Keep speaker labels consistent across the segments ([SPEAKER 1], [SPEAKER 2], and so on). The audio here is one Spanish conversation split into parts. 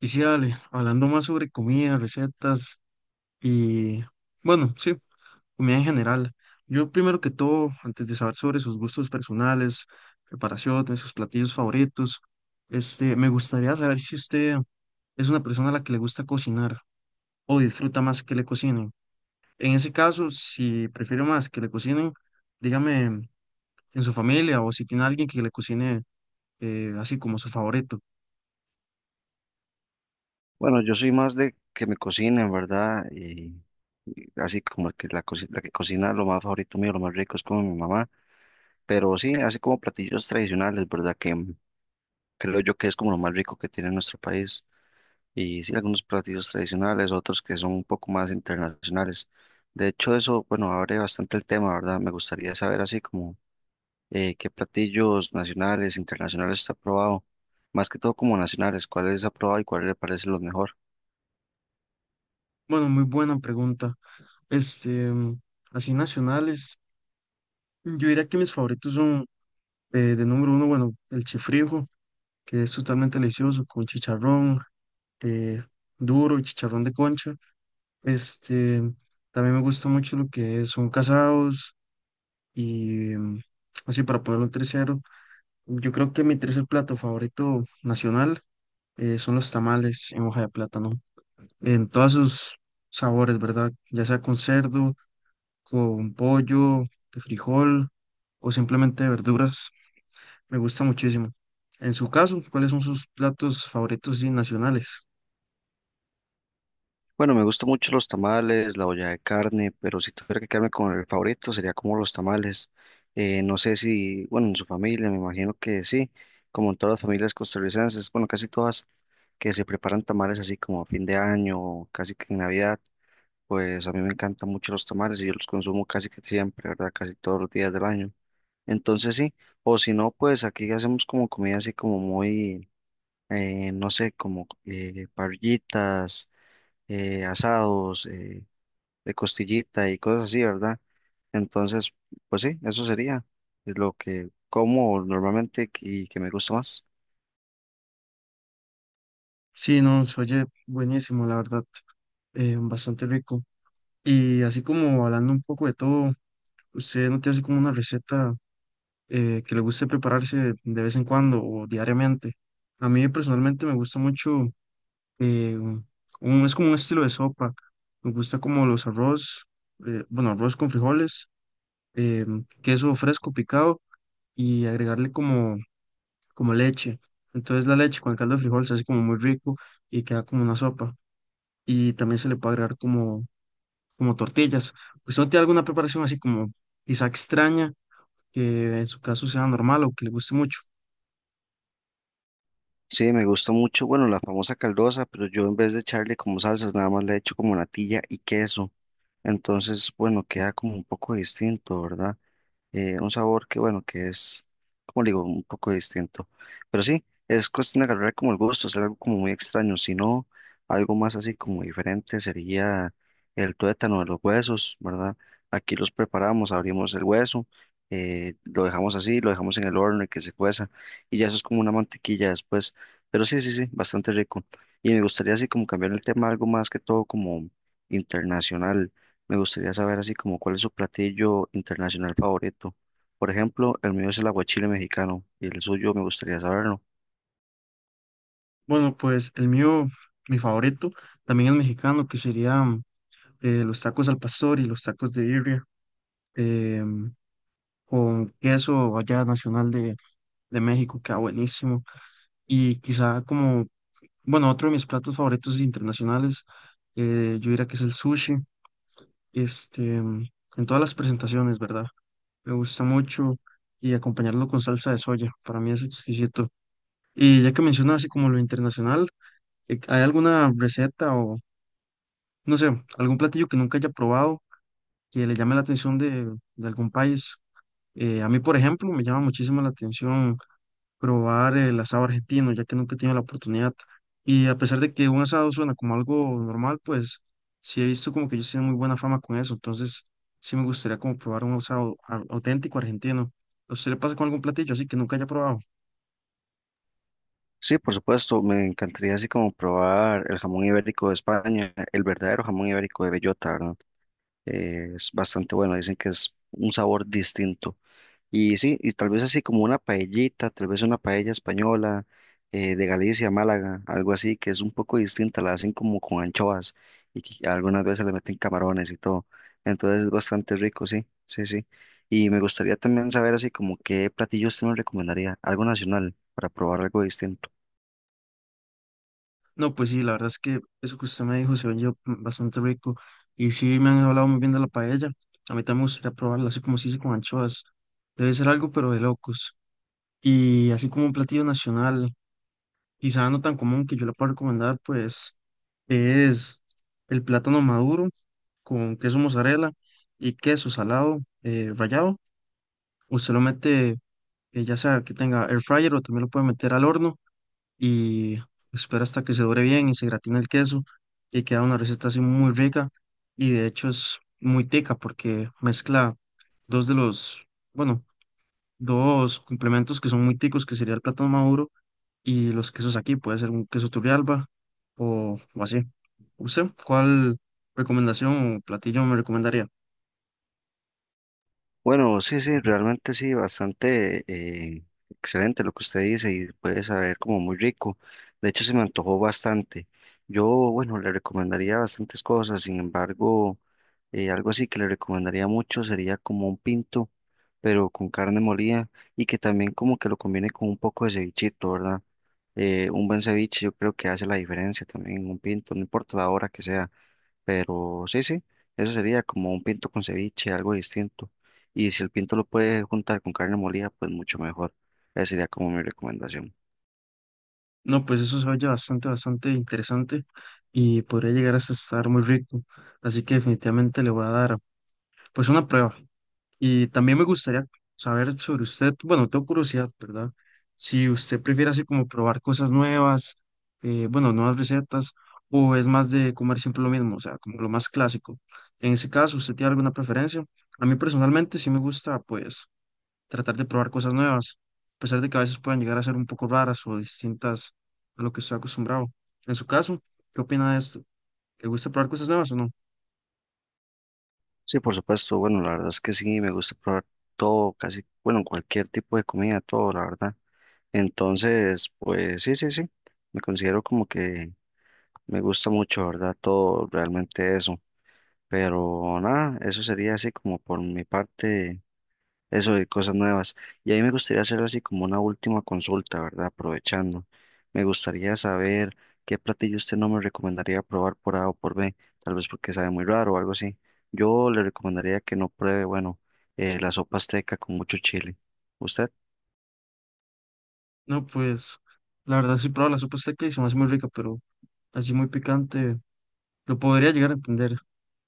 [SPEAKER 1] Y sí, Ale, hablando más sobre comida, recetas y, bueno, sí, comida en general. Yo primero que todo, antes de saber sobre sus gustos personales, preparaciones, sus platillos favoritos, me gustaría saber si usted es una persona a la que le gusta cocinar o disfruta más que le cocinen. En ese caso, si prefiere más que le cocinen, dígame en su familia o si tiene alguien que le cocine, así como su favorito.
[SPEAKER 2] Bueno, yo soy más de que me cocinen, ¿verdad? Y así como que la que cocina lo más favorito mío, lo más rico es como mi mamá. Pero sí, así como platillos tradicionales, ¿verdad? Creo yo que es como lo más rico que tiene nuestro país. Y sí, algunos platillos tradicionales, otros que son un poco más internacionales. De hecho, eso, bueno, abre bastante el tema, ¿verdad? Me gustaría saber así como qué platillos nacionales, internacionales está probado. Más que todo como nacionales, cuáles ha probado y cuáles le parecen los mejor.
[SPEAKER 1] Bueno, muy buena pregunta. Este, así nacionales, yo diría que mis favoritos son, de número uno, bueno, el chifrijo, que es totalmente delicioso, con chicharrón eh, duro y chicharrón de concha. Este, también me gusta mucho lo que son casados y así para ponerlo en tercero. Yo creo que mi tercer plato favorito nacional, son los tamales en hoja de plátano, en todos sus sabores, ¿verdad? Ya sea con cerdo, con pollo, de frijol o simplemente de verduras. Me gusta muchísimo. En su caso, ¿cuáles son sus platos favoritos y nacionales?
[SPEAKER 2] Bueno, me gustan mucho los tamales, la olla de carne, pero si tuviera que quedarme con el favorito sería como los tamales. No sé si, bueno, en su familia, me imagino que sí, como en todas las familias costarricenses, bueno, casi todas, que se preparan tamales así como a fin de año, casi que en Navidad, pues a mí me encantan mucho los tamales y yo los consumo casi que siempre, ¿verdad? Casi todos los días del año. Entonces sí, o si no, pues aquí hacemos como comida así como muy, no sé, como parrillitas asados, de costillita y cosas así, ¿verdad? Entonces, pues sí, eso sería lo que como normalmente y que me gusta más.
[SPEAKER 1] Sí, no, se oye buenísimo, la verdad, bastante rico. Y así como hablando un poco de todo, ¿usted no tiene así como una receta, que le guste prepararse de vez en cuando o diariamente? A mí personalmente me gusta mucho, eh, es como un estilo de sopa, me gusta como los arroz, bueno, arroz con frijoles, queso fresco picado y agregarle como leche. Entonces la leche con el caldo de frijol se hace como muy rico y queda como una sopa. Y también se le puede agregar como tortillas. ¿Usted no tiene alguna preparación así como quizá extraña que en su caso sea normal o que le guste mucho?
[SPEAKER 2] Sí, me gusta mucho, bueno, la famosa caldosa, pero yo en vez de echarle como salsas, nada más le echo como natilla y queso. Entonces, bueno, queda como un poco distinto, ¿verdad? Un sabor que, bueno, que es, como le digo, un poco distinto. Pero sí, es cuestión de agarrar como el gusto, es algo como muy extraño. Si no, algo más así como diferente sería el tuétano de los huesos, ¿verdad? Aquí los preparamos, abrimos el hueso, lo dejamos así, lo dejamos en el horno y que se cueza, y ya eso es como una mantequilla después. Pero sí, sí, sí, bastante rico. Y me gustaría así como cambiar el tema algo más que todo como internacional. Me gustaría saber así como cuál es su platillo internacional favorito. Por ejemplo, el mío es el aguachile mexicano y el suyo me gustaría saberlo.
[SPEAKER 1] Bueno, pues el mío, mi favorito, también es mexicano, que serían, los tacos al pastor y los tacos de birria, em, con queso allá nacional de México, queda buenísimo. Y quizá como, bueno, otro de mis platos favoritos internacionales, yo diría que es el sushi, este, mm, en todas las presentaciones, ¿verdad? Me gusta mucho y acompañarlo con salsa de soya, para mí es exquisito. Y ya que mencionas así como lo internacional, ¿hay alguna receta o, no sé, algún platillo que nunca haya probado que le llame la atención de algún país? A mí, por ejemplo, me llama muchísimo la atención probar el asado argentino, ya que nunca he tenido la oportunidad. Y a pesar de que un asado suena como algo normal, pues sí he visto como que ellos tienen muy buena fama con eso. Entonces sí me gustaría como probar un asado auténtico argentino. ¿A usted le pasa con algún platillo así que nunca haya probado?
[SPEAKER 2] Sí, por supuesto, me encantaría así como probar el jamón ibérico de España, el verdadero jamón ibérico de bellota, ¿verdad? Es bastante bueno, dicen que es un sabor distinto. Y sí, y tal vez así como una paellita, tal vez una paella española de Galicia, Málaga, algo así, que es un poco distinta, la hacen como con anchoas y que algunas veces le meten camarones y todo. Entonces es bastante rico, sí, sí, sí. Y me gustaría también saber así como qué platillos usted me recomendaría, algo nacional, para probar algo distinto.
[SPEAKER 1] No, pues sí, la verdad es que eso que usted me dijo se oye, bastante rico. Y sí me han hablado muy bien de la paella. A mí también me gustaría probarla, así como se dice con anchoas. Debe ser algo, pero de locos. Y así como un platillo nacional, quizá no tan común que yo le pueda recomendar, pues es el plátano maduro con queso mozzarella y queso salado, rallado. Usted lo mete, ya sea que tenga air fryer o también lo puede meter al horno y espera hasta que se dore bien y se gratina el queso y queda una receta así muy rica y de hecho es muy tica porque mezcla dos de los, bueno, dos complementos que son muy ticos, que sería el plátano maduro y los quesos aquí puede ser un queso Turrialba o así. ¿Usted cuál recomendación o platillo me recomendaría?
[SPEAKER 2] Bueno, sí, sí, realmente sí, bastante excelente lo que usted dice y puede saber como muy rico. De hecho, se me antojó bastante. Yo, bueno, le recomendaría bastantes cosas, sin embargo, algo así que le recomendaría mucho sería como un pinto, pero con carne molida y que también como que lo combine con un poco de cevichito, ¿verdad? Un buen ceviche yo creo que hace la diferencia también, en un pinto, no importa la hora que sea. Pero sí, sí, eso sería como un pinto con ceviche, algo distinto. Y si el pinto lo puede juntar con carne molida, pues mucho mejor. Esa sería como mi recomendación.
[SPEAKER 1] No, pues eso se oye bastante, bastante interesante y podría llegar hasta estar muy rico. Así que definitivamente le voy a dar pues una prueba. Y también me gustaría saber sobre usted, bueno, tengo curiosidad, ¿verdad? Si usted prefiere así como probar cosas nuevas, bueno, nuevas recetas, o es más de comer siempre lo mismo, o sea, como lo más clásico. En ese caso, ¿usted tiene alguna preferencia? A mí personalmente sí me gusta, pues, tratar de probar cosas nuevas, a pesar de que a veces puedan llegar a ser un poco raras o distintas a lo que estoy acostumbrado. En su caso, ¿qué opina de esto? ¿Le gusta probar cosas nuevas o no?
[SPEAKER 2] Sí, por supuesto, bueno, la verdad es que sí, me gusta probar todo, casi, bueno, cualquier tipo de comida, todo, la verdad. Entonces, pues sí, sí, sí, me considero como que me gusta mucho, ¿verdad? Todo realmente eso. Pero nada, eso sería así como por mi parte eso de cosas nuevas. Y ahí me gustaría hacer así como una última consulta, ¿verdad? Aprovechando. Me gustaría saber qué platillo usted no me recomendaría probar por A o por B, tal vez porque sabe muy raro o algo así. Yo le recomendaría que no pruebe, bueno, la sopa azteca con mucho chile. ¿Usted?
[SPEAKER 1] No, pues la verdad sí, probé la sopa azteca y se me hace muy rica, pero así muy picante, lo podría llegar a entender.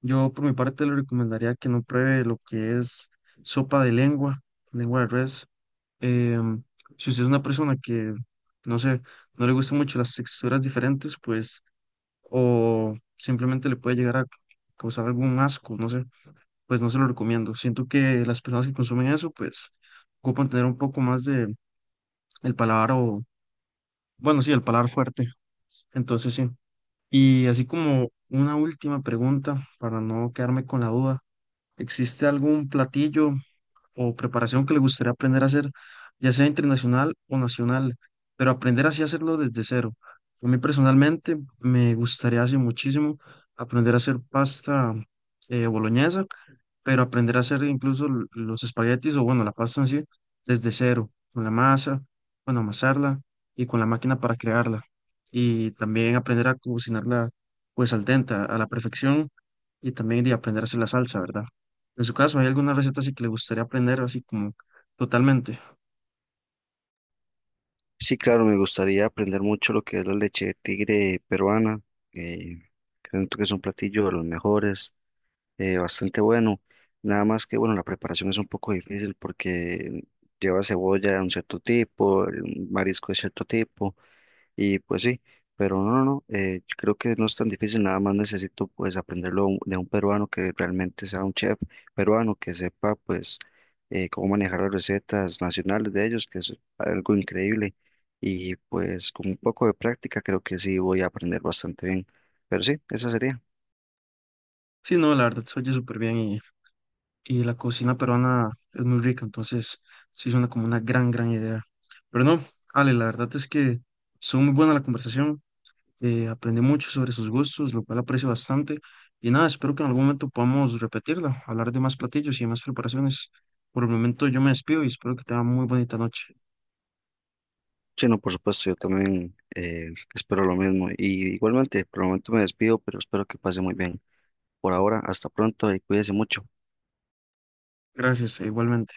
[SPEAKER 1] Yo por mi parte le recomendaría que no pruebe lo que es sopa de lengua, lengua de res. Em, si usted es una persona que, no sé, no le gustan mucho las texturas diferentes, pues, o simplemente le puede llegar a causar algún asco, no sé, pues no se lo recomiendo. Siento que las personas que consumen eso, pues, ocupan tener un poco más de el paladar o, bueno, sí, el paladar fuerte. Entonces sí. Y así como una última pregunta, para no quedarme con la duda, ¿existe algún platillo o preparación que le gustaría aprender a hacer, ya sea internacional o nacional, pero aprender así a hacerlo desde cero? A mí personalmente me gustaría hace muchísimo aprender a hacer pasta, boloñesa, pero aprender a hacer incluso los espaguetis o bueno, la pasta en sí desde cero, con la masa, bueno, amasarla y con la máquina para crearla. Y también aprender a cocinarla pues al dente, a la perfección y también de aprender a hacer la salsa, ¿verdad? En su caso, ¿hay alguna receta así que le gustaría aprender así como totalmente?
[SPEAKER 2] Sí, claro, me gustaría aprender mucho lo que es la leche de tigre peruana. Eh, Creo que es un platillo de los mejores. Bastante bueno. Nada más que, bueno, la preparación es un poco difícil porque lleva cebolla de un cierto tipo, el marisco de cierto tipo, y pues sí, pero no, no, no, yo creo que no es tan difícil, nada más necesito pues aprenderlo de un peruano que realmente sea un chef peruano, que sepa pues cómo manejar las recetas nacionales de ellos, que es algo increíble, y pues con un poco de práctica creo que sí voy a aprender bastante bien, pero sí, esa sería.
[SPEAKER 1] Sí, no, la verdad se oye súper bien y la cocina peruana es muy rica, entonces sí suena como una gran, gran idea. Pero no, Ale, la verdad es que estuvo muy buena la conversación, aprendí mucho sobre sus gustos, lo cual aprecio bastante y nada, espero que en algún momento podamos repetirla, hablar de más platillos y de más preparaciones. Por el momento yo me despido y espero que tenga muy bonita noche.
[SPEAKER 2] Sí, no, por supuesto, yo también espero lo mismo. Y igualmente, por el momento me despido, pero espero que pase muy bien. Por ahora, hasta pronto y cuídese mucho.
[SPEAKER 1] Gracias, e igualmente.